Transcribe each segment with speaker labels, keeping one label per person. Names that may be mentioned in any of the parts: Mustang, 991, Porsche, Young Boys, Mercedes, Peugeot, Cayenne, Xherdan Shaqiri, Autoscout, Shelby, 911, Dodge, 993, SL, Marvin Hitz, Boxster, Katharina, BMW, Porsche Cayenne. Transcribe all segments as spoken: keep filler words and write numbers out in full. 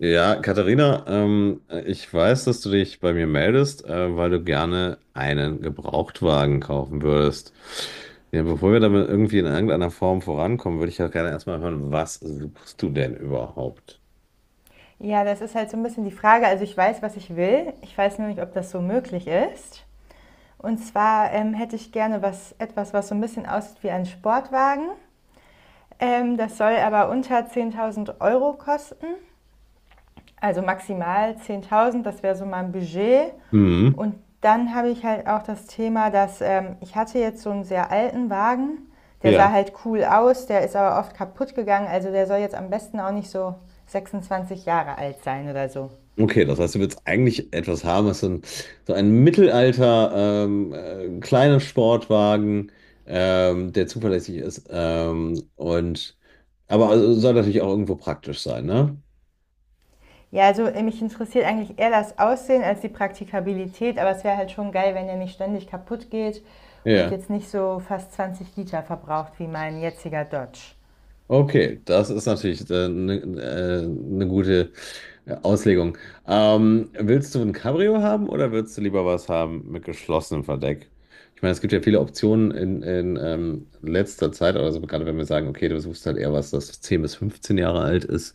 Speaker 1: Ja, Katharina, ähm, ich weiß, dass du dich bei mir meldest, äh, weil du gerne einen Gebrauchtwagen kaufen würdest. Ja, bevor wir damit irgendwie in irgendeiner Form vorankommen, würde ich ja gerne erstmal hören, was suchst du denn überhaupt?
Speaker 2: Ja, das ist halt so ein bisschen die Frage. Also ich weiß, was ich will. Ich weiß nur nicht, ob das so möglich ist. Und zwar ähm, hätte ich gerne was, etwas, was so ein bisschen aussieht wie ein Sportwagen. Ähm, das soll aber unter zehntausend Euro kosten. Also maximal zehntausend. Das wäre so mein Budget.
Speaker 1: Mhm.
Speaker 2: Und dann habe ich halt auch das Thema, dass ähm, ich hatte jetzt so einen sehr alten Wagen. Der
Speaker 1: Ja.
Speaker 2: sah halt cool aus, der ist aber oft kaputt gegangen. Also der soll jetzt am besten auch nicht so sechsundzwanzig Jahre alt sein oder so.
Speaker 1: Okay, das heißt, du willst eigentlich etwas haben, was so ein, so ein Mittelalter, ähm, äh, kleiner Sportwagen, ähm, der zuverlässig ist, ähm, und, aber also soll natürlich auch irgendwo praktisch sein, ne?
Speaker 2: Ja, also äh, mich interessiert eigentlich eher das Aussehen als die Praktikabilität, aber es wäre halt schon geil, wenn der nicht ständig kaputt geht und
Speaker 1: Ja.
Speaker 2: jetzt nicht so fast zwanzig Liter verbraucht wie mein jetziger Dodge.
Speaker 1: Okay, das ist natürlich eine äh, ne gute äh, Auslegung. Ähm, willst du ein Cabrio haben oder willst du lieber was haben mit geschlossenem Verdeck? Ich meine, es gibt ja viele Optionen in, in ähm, letzter Zeit, also gerade wenn wir sagen, okay, du suchst halt eher was, das zehn bis fünfzehn Jahre alt ist,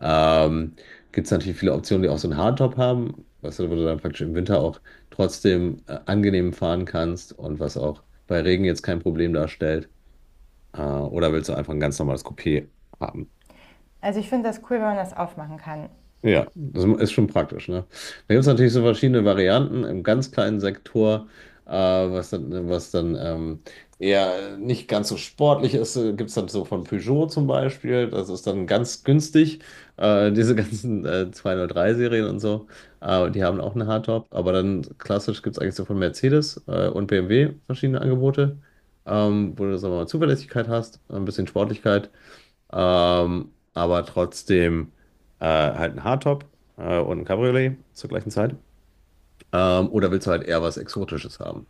Speaker 1: ähm, gibt es natürlich viele Optionen, die auch so einen Hardtop haben, was du, wo du dann praktisch im Winter auch trotzdem äh, angenehm fahren kannst und was auch bei Regen jetzt kein Problem darstellt. Äh, oder willst du einfach ein ganz normales Coupé haben?
Speaker 2: Also ich finde das cool, wenn man das aufmachen kann.
Speaker 1: Ja, das ist schon praktisch, ne? Da gibt es natürlich so verschiedene Varianten im ganz kleinen Sektor, äh, was dann, was dann ähm, eher nicht ganz so sportlich ist. Gibt es dann so von Peugeot zum Beispiel, das ist dann ganz günstig. Äh, diese ganzen äh, zweihundertdrei-Serien und so, äh, die haben auch eine Hardtop. Aber dann klassisch gibt es eigentlich so von Mercedes äh, und B M W verschiedene Angebote, ähm, wo du, sagen wir mal, Zuverlässigkeit hast, ein bisschen Sportlichkeit. Ähm, aber trotzdem äh, halt ein Hardtop äh, und ein Cabriolet zur gleichen Zeit. Ähm, oder willst du halt eher was Exotisches haben?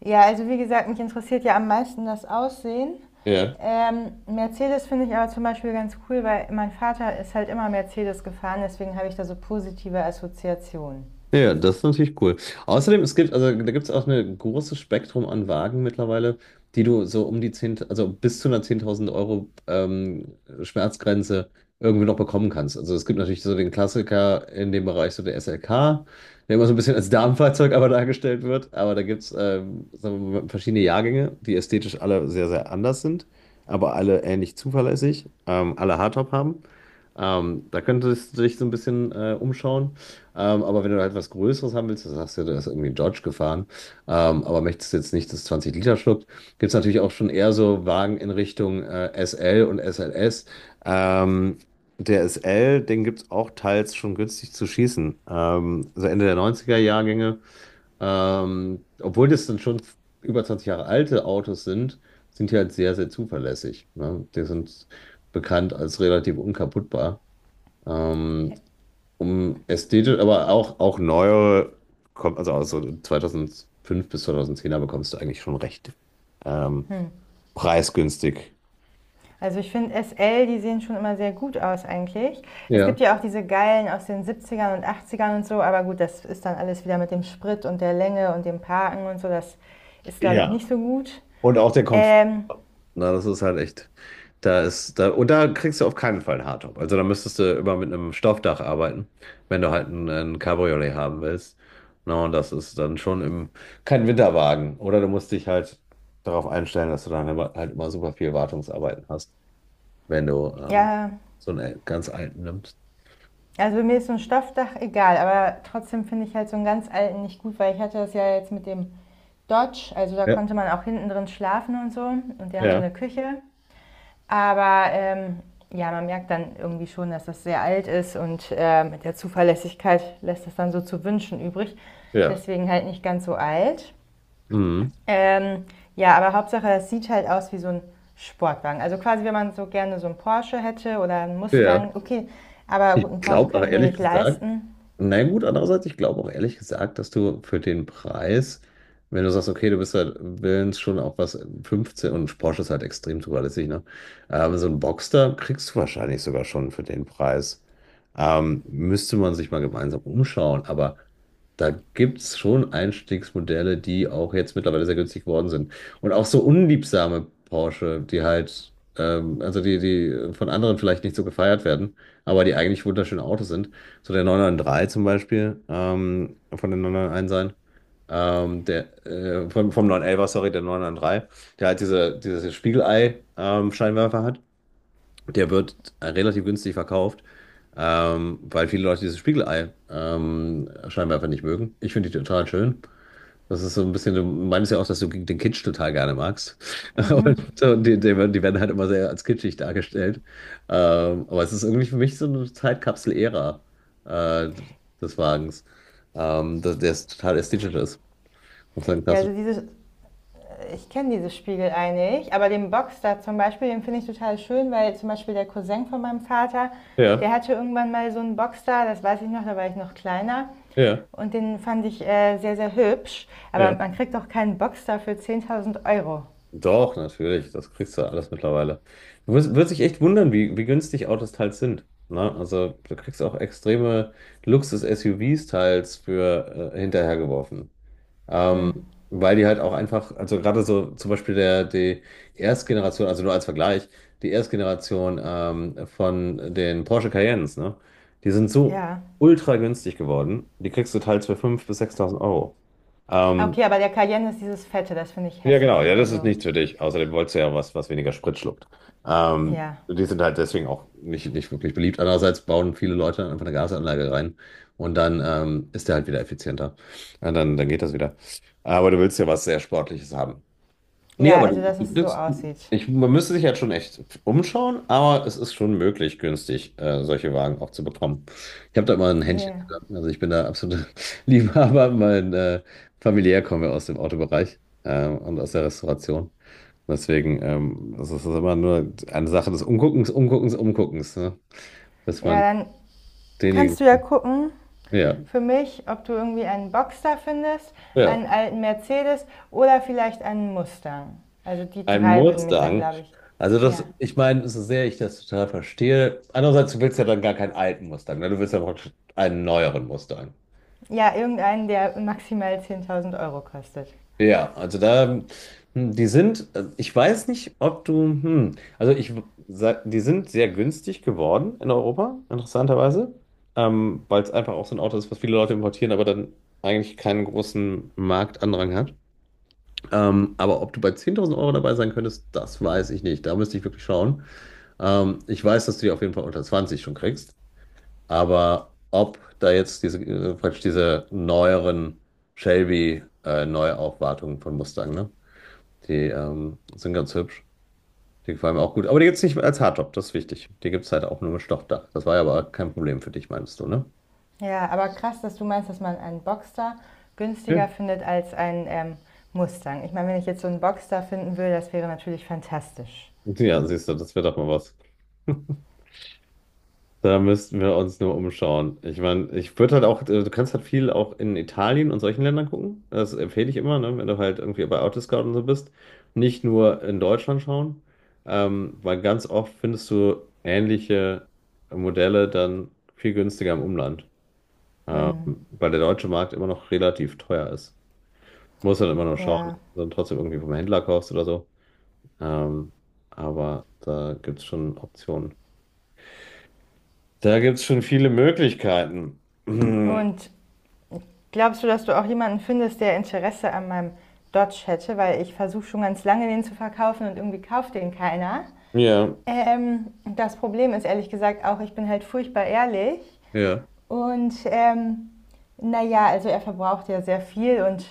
Speaker 2: Ja, also wie gesagt, mich interessiert ja am meisten das Aussehen.
Speaker 1: Ja.
Speaker 2: Ähm, Mercedes finde ich aber zum Beispiel ganz cool, weil mein Vater ist halt immer Mercedes gefahren, deswegen habe ich da so positive Assoziationen.
Speaker 1: Ja, ja, das ist natürlich cool. Außerdem, es gibt, also da gibt es auch ein großes Spektrum an Wagen mittlerweile, die du so um die zehn, also bis zu einer zehntausend Euro ähm, Schmerzgrenze irgendwie noch bekommen kannst. Also es gibt natürlich so den Klassiker in dem Bereich, so der S L K, der immer so ein bisschen als Damenfahrzeug aber dargestellt wird. Aber da gibt es ähm, sagen wir mal, verschiedene Jahrgänge, die ästhetisch alle sehr, sehr anders sind, aber alle ähnlich zuverlässig, ähm, alle Hardtop haben. Ähm, da könntest du dich so ein bisschen äh, umschauen. Ähm, aber wenn du halt was Größeres haben willst, das sagst du, da ist irgendwie ein Dodge gefahren, ähm, aber möchtest jetzt nicht das zwanzig Liter schluckt, gibt es natürlich auch schon eher so Wagen in Richtung äh, S L und S L S. Ähm, der S L, den gibt es auch teils schon günstig zu schießen. Ähm, also Ende der neunziger Jahrgänge, ähm, obwohl das dann schon über zwanzig Jahre alte Autos sind, sind die halt sehr, sehr zuverlässig. Ne? Die sind bekannt als relativ unkaputtbar. Ähm, um ästhetisch, aber auch, auch neuere, kommt, also aus so zweitausendfünf bis zweitausendzehner bekommst du eigentlich schon recht ähm, preisgünstig.
Speaker 2: Also ich finde S L, die sehen schon immer sehr gut aus eigentlich. Es
Speaker 1: Ja.
Speaker 2: gibt ja auch diese geilen aus den siebziger und achtziger und so, aber gut, das ist dann alles wieder mit dem Sprit und der Länge und dem Parken und so, das ist, glaube ich,
Speaker 1: Ja.
Speaker 2: nicht so gut.
Speaker 1: Und auch der Komfort.
Speaker 2: Ähm,
Speaker 1: Na, das ist halt echt. Da ist, da, und da kriegst du auf keinen Fall einen Hardtop. Also da müsstest du immer mit einem Stoffdach arbeiten, wenn du halt ein, ein Cabriolet haben willst. Na, und das ist dann schon im, kein Winterwagen. Oder du musst dich halt darauf einstellen, dass du dann immer, halt immer super viel Wartungsarbeiten hast. Wenn du ähm,
Speaker 2: ja,
Speaker 1: so einen ganz alten nimmst.
Speaker 2: also mir ist so ein Stoffdach egal, aber trotzdem finde ich halt so einen ganz alten nicht gut, weil ich hatte das ja jetzt mit dem Dodge, also da
Speaker 1: Ja,
Speaker 2: konnte man auch hinten drin schlafen und so und der hatte
Speaker 1: ja,
Speaker 2: eine Küche. Aber ähm, ja, man merkt dann irgendwie schon, dass das sehr alt ist und äh, mit der Zuverlässigkeit lässt das dann so zu wünschen übrig.
Speaker 1: ja.
Speaker 2: Deswegen halt nicht ganz so alt.
Speaker 1: Mhm.
Speaker 2: Ähm, ja, aber Hauptsache, es sieht halt aus wie so ein Sportwagen. Also quasi, wenn man so gerne so einen Porsche hätte oder einen
Speaker 1: Ja.
Speaker 2: Mustang, okay, aber
Speaker 1: Ich
Speaker 2: gut, einen Porsche
Speaker 1: glaube
Speaker 2: kann
Speaker 1: aber
Speaker 2: ich mir
Speaker 1: ehrlich
Speaker 2: nicht
Speaker 1: gesagt,
Speaker 2: leisten.
Speaker 1: na gut, andererseits, ich glaube auch ehrlich gesagt, dass du für den Preis, wenn du sagst, okay, du bist halt willens schon auf was fünfzehn und Porsche ist halt extrem zuverlässig, ne? Ähm, so ein Boxster kriegst du wahrscheinlich sogar schon für den Preis. Ähm, müsste man sich mal gemeinsam umschauen, aber da gibt es schon Einstiegsmodelle, die auch jetzt mittlerweile sehr günstig geworden sind. Und auch so unliebsame Porsche, die halt, ähm, also die, die von anderen vielleicht nicht so gefeiert werden, aber die eigentlich wunderschöne Autos sind. So der neun neun drei zum Beispiel, ähm, von den neun neun eins sein. Ähm, der, äh, vom, vom neunelfer, sorry, der neun neun drei, der halt diese, dieses Spiegelei-Scheinwerfer hat. Der wird äh, relativ günstig verkauft, ähm, weil viele Leute dieses Spiegelei-Scheinwerfer nicht mögen. Ich finde die total schön. Das ist so ein bisschen, du meinst ja auch, dass du den Kitsch total gerne magst. Und, und die, die, werden- die werden halt immer sehr als kitschig dargestellt. Ähm, aber es ist irgendwie für mich so eine Zeitkapsel-Ära äh, des Wagens, ähm, dass der total ästhetisch ist. Und sein
Speaker 2: Ja,
Speaker 1: klassisch.
Speaker 2: also dieses, ich kenne dieses Spiegelei nicht, aber den Boxster zum Beispiel, den finde ich total schön, weil zum Beispiel der Cousin von meinem Vater, der
Speaker 1: Ja,
Speaker 2: hatte irgendwann mal so einen Boxster, das weiß ich noch, da war ich noch kleiner.
Speaker 1: ja,
Speaker 2: Und den fand ich äh, sehr, sehr hübsch. Aber
Speaker 1: ja.
Speaker 2: man kriegt doch keinen Boxster für zehntausend Euro.
Speaker 1: Doch, natürlich. Das kriegst du alles mittlerweile. Du wirst, wirst dich echt wundern, wie, wie günstig Autos teils sind. Ne? Also du kriegst auch extreme Luxus-S U Vs teils für äh, hinterhergeworfen.
Speaker 2: Hm,
Speaker 1: Ähm, weil die halt auch einfach, also gerade so zum Beispiel der, die Erstgeneration, also nur als Vergleich, die Erstgeneration ähm, von den Porsche Cayennes, ne? Die sind so
Speaker 2: ja.
Speaker 1: ultra günstig geworden, die kriegst du teils für fünftausend bis sechstausend Euro.
Speaker 2: Ah,
Speaker 1: Ähm,
Speaker 2: okay, aber der Cayenne ist dieses Fette, das finde ich
Speaker 1: ja, genau.
Speaker 2: hässlich.
Speaker 1: Ja, das ist
Speaker 2: Also,
Speaker 1: nichts für dich. Außerdem wolltest du ja was, was weniger Sprit schluckt. Ähm,
Speaker 2: ja.
Speaker 1: die sind halt deswegen auch nicht, nicht wirklich beliebt. Andererseits bauen viele Leute einfach eine Gasanlage rein und dann ähm, ist der halt wieder effizienter. Ja, dann, dann geht das wieder. Aber du willst ja was sehr Sportliches haben. Nee,
Speaker 2: Ja,
Speaker 1: aber
Speaker 2: also,
Speaker 1: du,
Speaker 2: dass
Speaker 1: du,
Speaker 2: es so
Speaker 1: das-
Speaker 2: aussieht.
Speaker 1: ich, man müsste sich halt schon echt umschauen, aber es ist schon möglich, günstig äh, solche Wagen auch zu bekommen. Ich habe da immer ein Händchen
Speaker 2: Ja.
Speaker 1: für. Also ich bin da absoluter Liebhaber. Mein äh, familiär kommen wir aus dem Autobereich äh, und aus der Restauration. Deswegen ähm, also es ist immer nur eine Sache des Umguckens, Umguckens, Umguckens, ne? Dass
Speaker 2: Ja,
Speaker 1: man
Speaker 2: dann kannst
Speaker 1: denjenigen.
Speaker 2: du ja gucken,
Speaker 1: Ja,
Speaker 2: für mich, ob du irgendwie einen Boxster findest, einen
Speaker 1: ja.
Speaker 2: alten Mercedes oder vielleicht einen Mustang. Also die
Speaker 1: Ein
Speaker 2: drei würden mich dann,
Speaker 1: Mustang.
Speaker 2: glaube ich,
Speaker 1: Also das,
Speaker 2: ja.
Speaker 1: ich meine, so sehr ich das total verstehe. Andererseits, du willst ja dann gar keinen alten Mustang, ne? Du willst ja praktisch einen neueren Mustang.
Speaker 2: Ja, irgendeinen, der maximal zehntausend Euro kostet.
Speaker 1: Ja, also da, hm, die sind, äh, ich weiß nicht, ob du, hm, also ich, w- sag- die sind sehr günstig geworden in Europa, interessanterweise, ähm, weil es einfach auch so ein Auto ist, was viele Leute importieren, aber dann eigentlich keinen großen Marktandrang hat. Ähm, aber ob du bei zehntausend Euro dabei sein könntest, das weiß ich nicht. Da müsste ich wirklich schauen. Ähm, ich weiß, dass du die auf jeden Fall unter zwanzig schon kriegst, aber ob da jetzt diese, äh, praktisch diese neueren Shelby äh, Neuaufwartungen von Mustang, ne? Die ähm, sind ganz hübsch. Die gefallen mir auch gut. Aber die gibt es nicht als Hardtop, das ist wichtig. Die gibt es halt auch nur mit Stoffdach. Das war ja aber kein Problem für dich, meinst du, ne?
Speaker 2: Ja, aber krass, dass du meinst, dass man einen Boxster
Speaker 1: Ja.
Speaker 2: günstiger findet als einen ähm, Mustang. Ich meine, wenn ich jetzt so einen Boxster finden würde, das wäre natürlich fantastisch.
Speaker 1: Ja, siehst du, das wird doch mal was. Da müssten wir uns nur umschauen. Ich meine, ich würde halt auch, äh, du kannst halt viel auch in Italien und solchen Ländern gucken. Das empfehle ich immer, ne, wenn du halt irgendwie bei Autoscout und so bist. Nicht nur in Deutschland schauen, ähm, weil ganz oft findest du ähnliche Modelle dann viel günstiger im Umland, ähm,
Speaker 2: Hm,
Speaker 1: weil der deutsche Markt immer noch relativ teuer ist. Muss dann immer noch schauen,
Speaker 2: ja.
Speaker 1: dass du dann trotzdem irgendwie vom Händler kaufst oder so. Ähm, aber da gibt es schon Optionen. Da gibt es schon viele Möglichkeiten.
Speaker 2: Und glaubst du, dass du auch jemanden findest, der Interesse an meinem Dodge hätte? Weil ich versuche schon ganz lange, den zu verkaufen und irgendwie kauft den keiner.
Speaker 1: Ja,
Speaker 2: Ähm, das Problem ist ehrlich gesagt auch, ich bin halt furchtbar ehrlich.
Speaker 1: ja,
Speaker 2: Und ähm, naja, also er verbraucht ja sehr viel und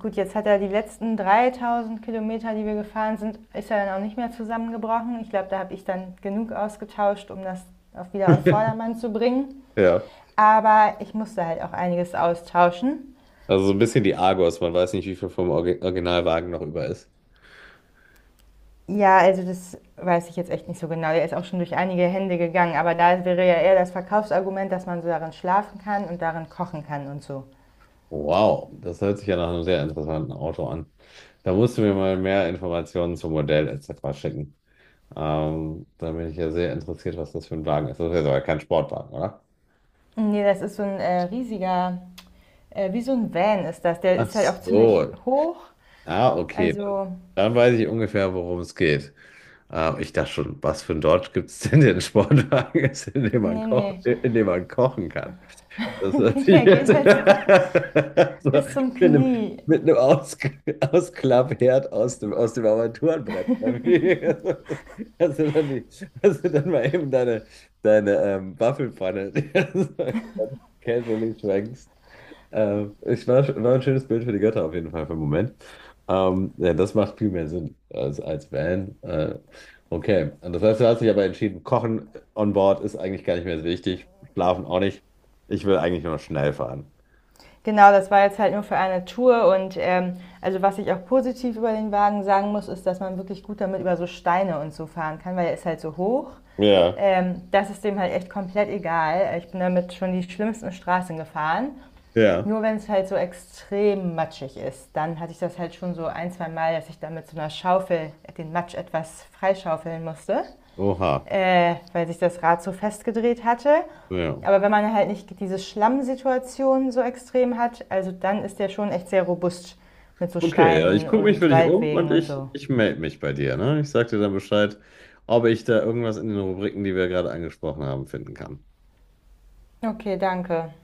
Speaker 2: gut, jetzt hat er die letzten dreitausend Kilometer, die wir gefahren sind, ist er dann auch nicht mehr zusammengebrochen. Ich glaube, da habe ich dann genug ausgetauscht, um das auf, wieder auf Vordermann zu bringen.
Speaker 1: ja.
Speaker 2: Aber ich musste halt auch einiges austauschen.
Speaker 1: Also so ein bisschen die Argos. Man weiß nicht, wie viel vom Orgi- Originalwagen noch über ist.
Speaker 2: Ja, also das weiß ich jetzt echt nicht so genau. Der ist auch schon durch einige Hände gegangen, aber da wäre ja eher das Verkaufsargument, dass man so darin schlafen kann und darin kochen kann und so.
Speaker 1: Wow, das hört sich ja nach einem sehr interessanten Auto an. Da musst du mir mal mehr Informationen zum Modell et cetera schicken. Ähm, da bin ich ja sehr interessiert, was das für ein Wagen ist. Das ist jetzt aber kein Sportwagen, oder?
Speaker 2: Nee, das ist so ein äh, riesiger, äh, wie so ein Van ist das. Der
Speaker 1: Ach
Speaker 2: ist halt auch ziemlich
Speaker 1: so.
Speaker 2: hoch.
Speaker 1: Ah, okay. Dann,
Speaker 2: Also,
Speaker 1: dann weiß ich ungefähr, worum es geht. Ähm, ich dachte schon, was für ein Dodge gibt es denn, den Sportwagen ist, in dem man
Speaker 2: nee,
Speaker 1: koch,
Speaker 2: nee,
Speaker 1: in dem man kochen kann? Das hört sich
Speaker 2: der
Speaker 1: jetzt
Speaker 2: geht halt so
Speaker 1: so
Speaker 2: bis
Speaker 1: mit
Speaker 2: zum
Speaker 1: einem,
Speaker 2: Knie.
Speaker 1: mit einem Aus Ausklappherd aus dem, aus dem Armaturenbrett. Hast du dann, die, hast du dann mal eben deine, deine ähm, Waffelpfanne casually schwenkst. Äh, ich war, war ein schönes Bild für die Götter auf jeden Fall für den Moment. Ähm, ja, das macht viel mehr Sinn als, als Van. Äh, okay, und das heißt, du hast dich aber entschieden, Kochen on Board ist eigentlich gar nicht mehr so wichtig, Schlafen auch nicht. Ich will eigentlich nur noch schnell fahren.
Speaker 2: Genau, das war jetzt halt nur für eine Tour und ähm, also was ich auch positiv über den Wagen sagen muss, ist, dass man wirklich gut damit über so Steine und so fahren kann, weil er ist halt so hoch.
Speaker 1: Ja.
Speaker 2: Ähm, das ist dem halt echt komplett egal. Ich bin damit schon die schlimmsten Straßen gefahren.
Speaker 1: Ja.
Speaker 2: Nur wenn es halt so extrem matschig ist, dann hatte ich das halt schon so ein, zwei Mal, dass ich damit mit so einer Schaufel den Matsch etwas freischaufeln musste,
Speaker 1: Oha,
Speaker 2: äh, weil sich das Rad so festgedreht hatte.
Speaker 1: ja.
Speaker 2: Aber wenn man halt nicht diese Schlammsituation so extrem hat, also dann ist der schon echt sehr robust mit so
Speaker 1: Okay, ja, ich
Speaker 2: Steinen
Speaker 1: gucke mich für
Speaker 2: und
Speaker 1: dich um und
Speaker 2: Waldwegen und
Speaker 1: ich,
Speaker 2: so.
Speaker 1: ich melde mich bei dir, ne? Ich sag dir dann Bescheid, ob ich da irgendwas in den Rubriken, die wir gerade angesprochen haben, finden kann.
Speaker 2: Okay, danke.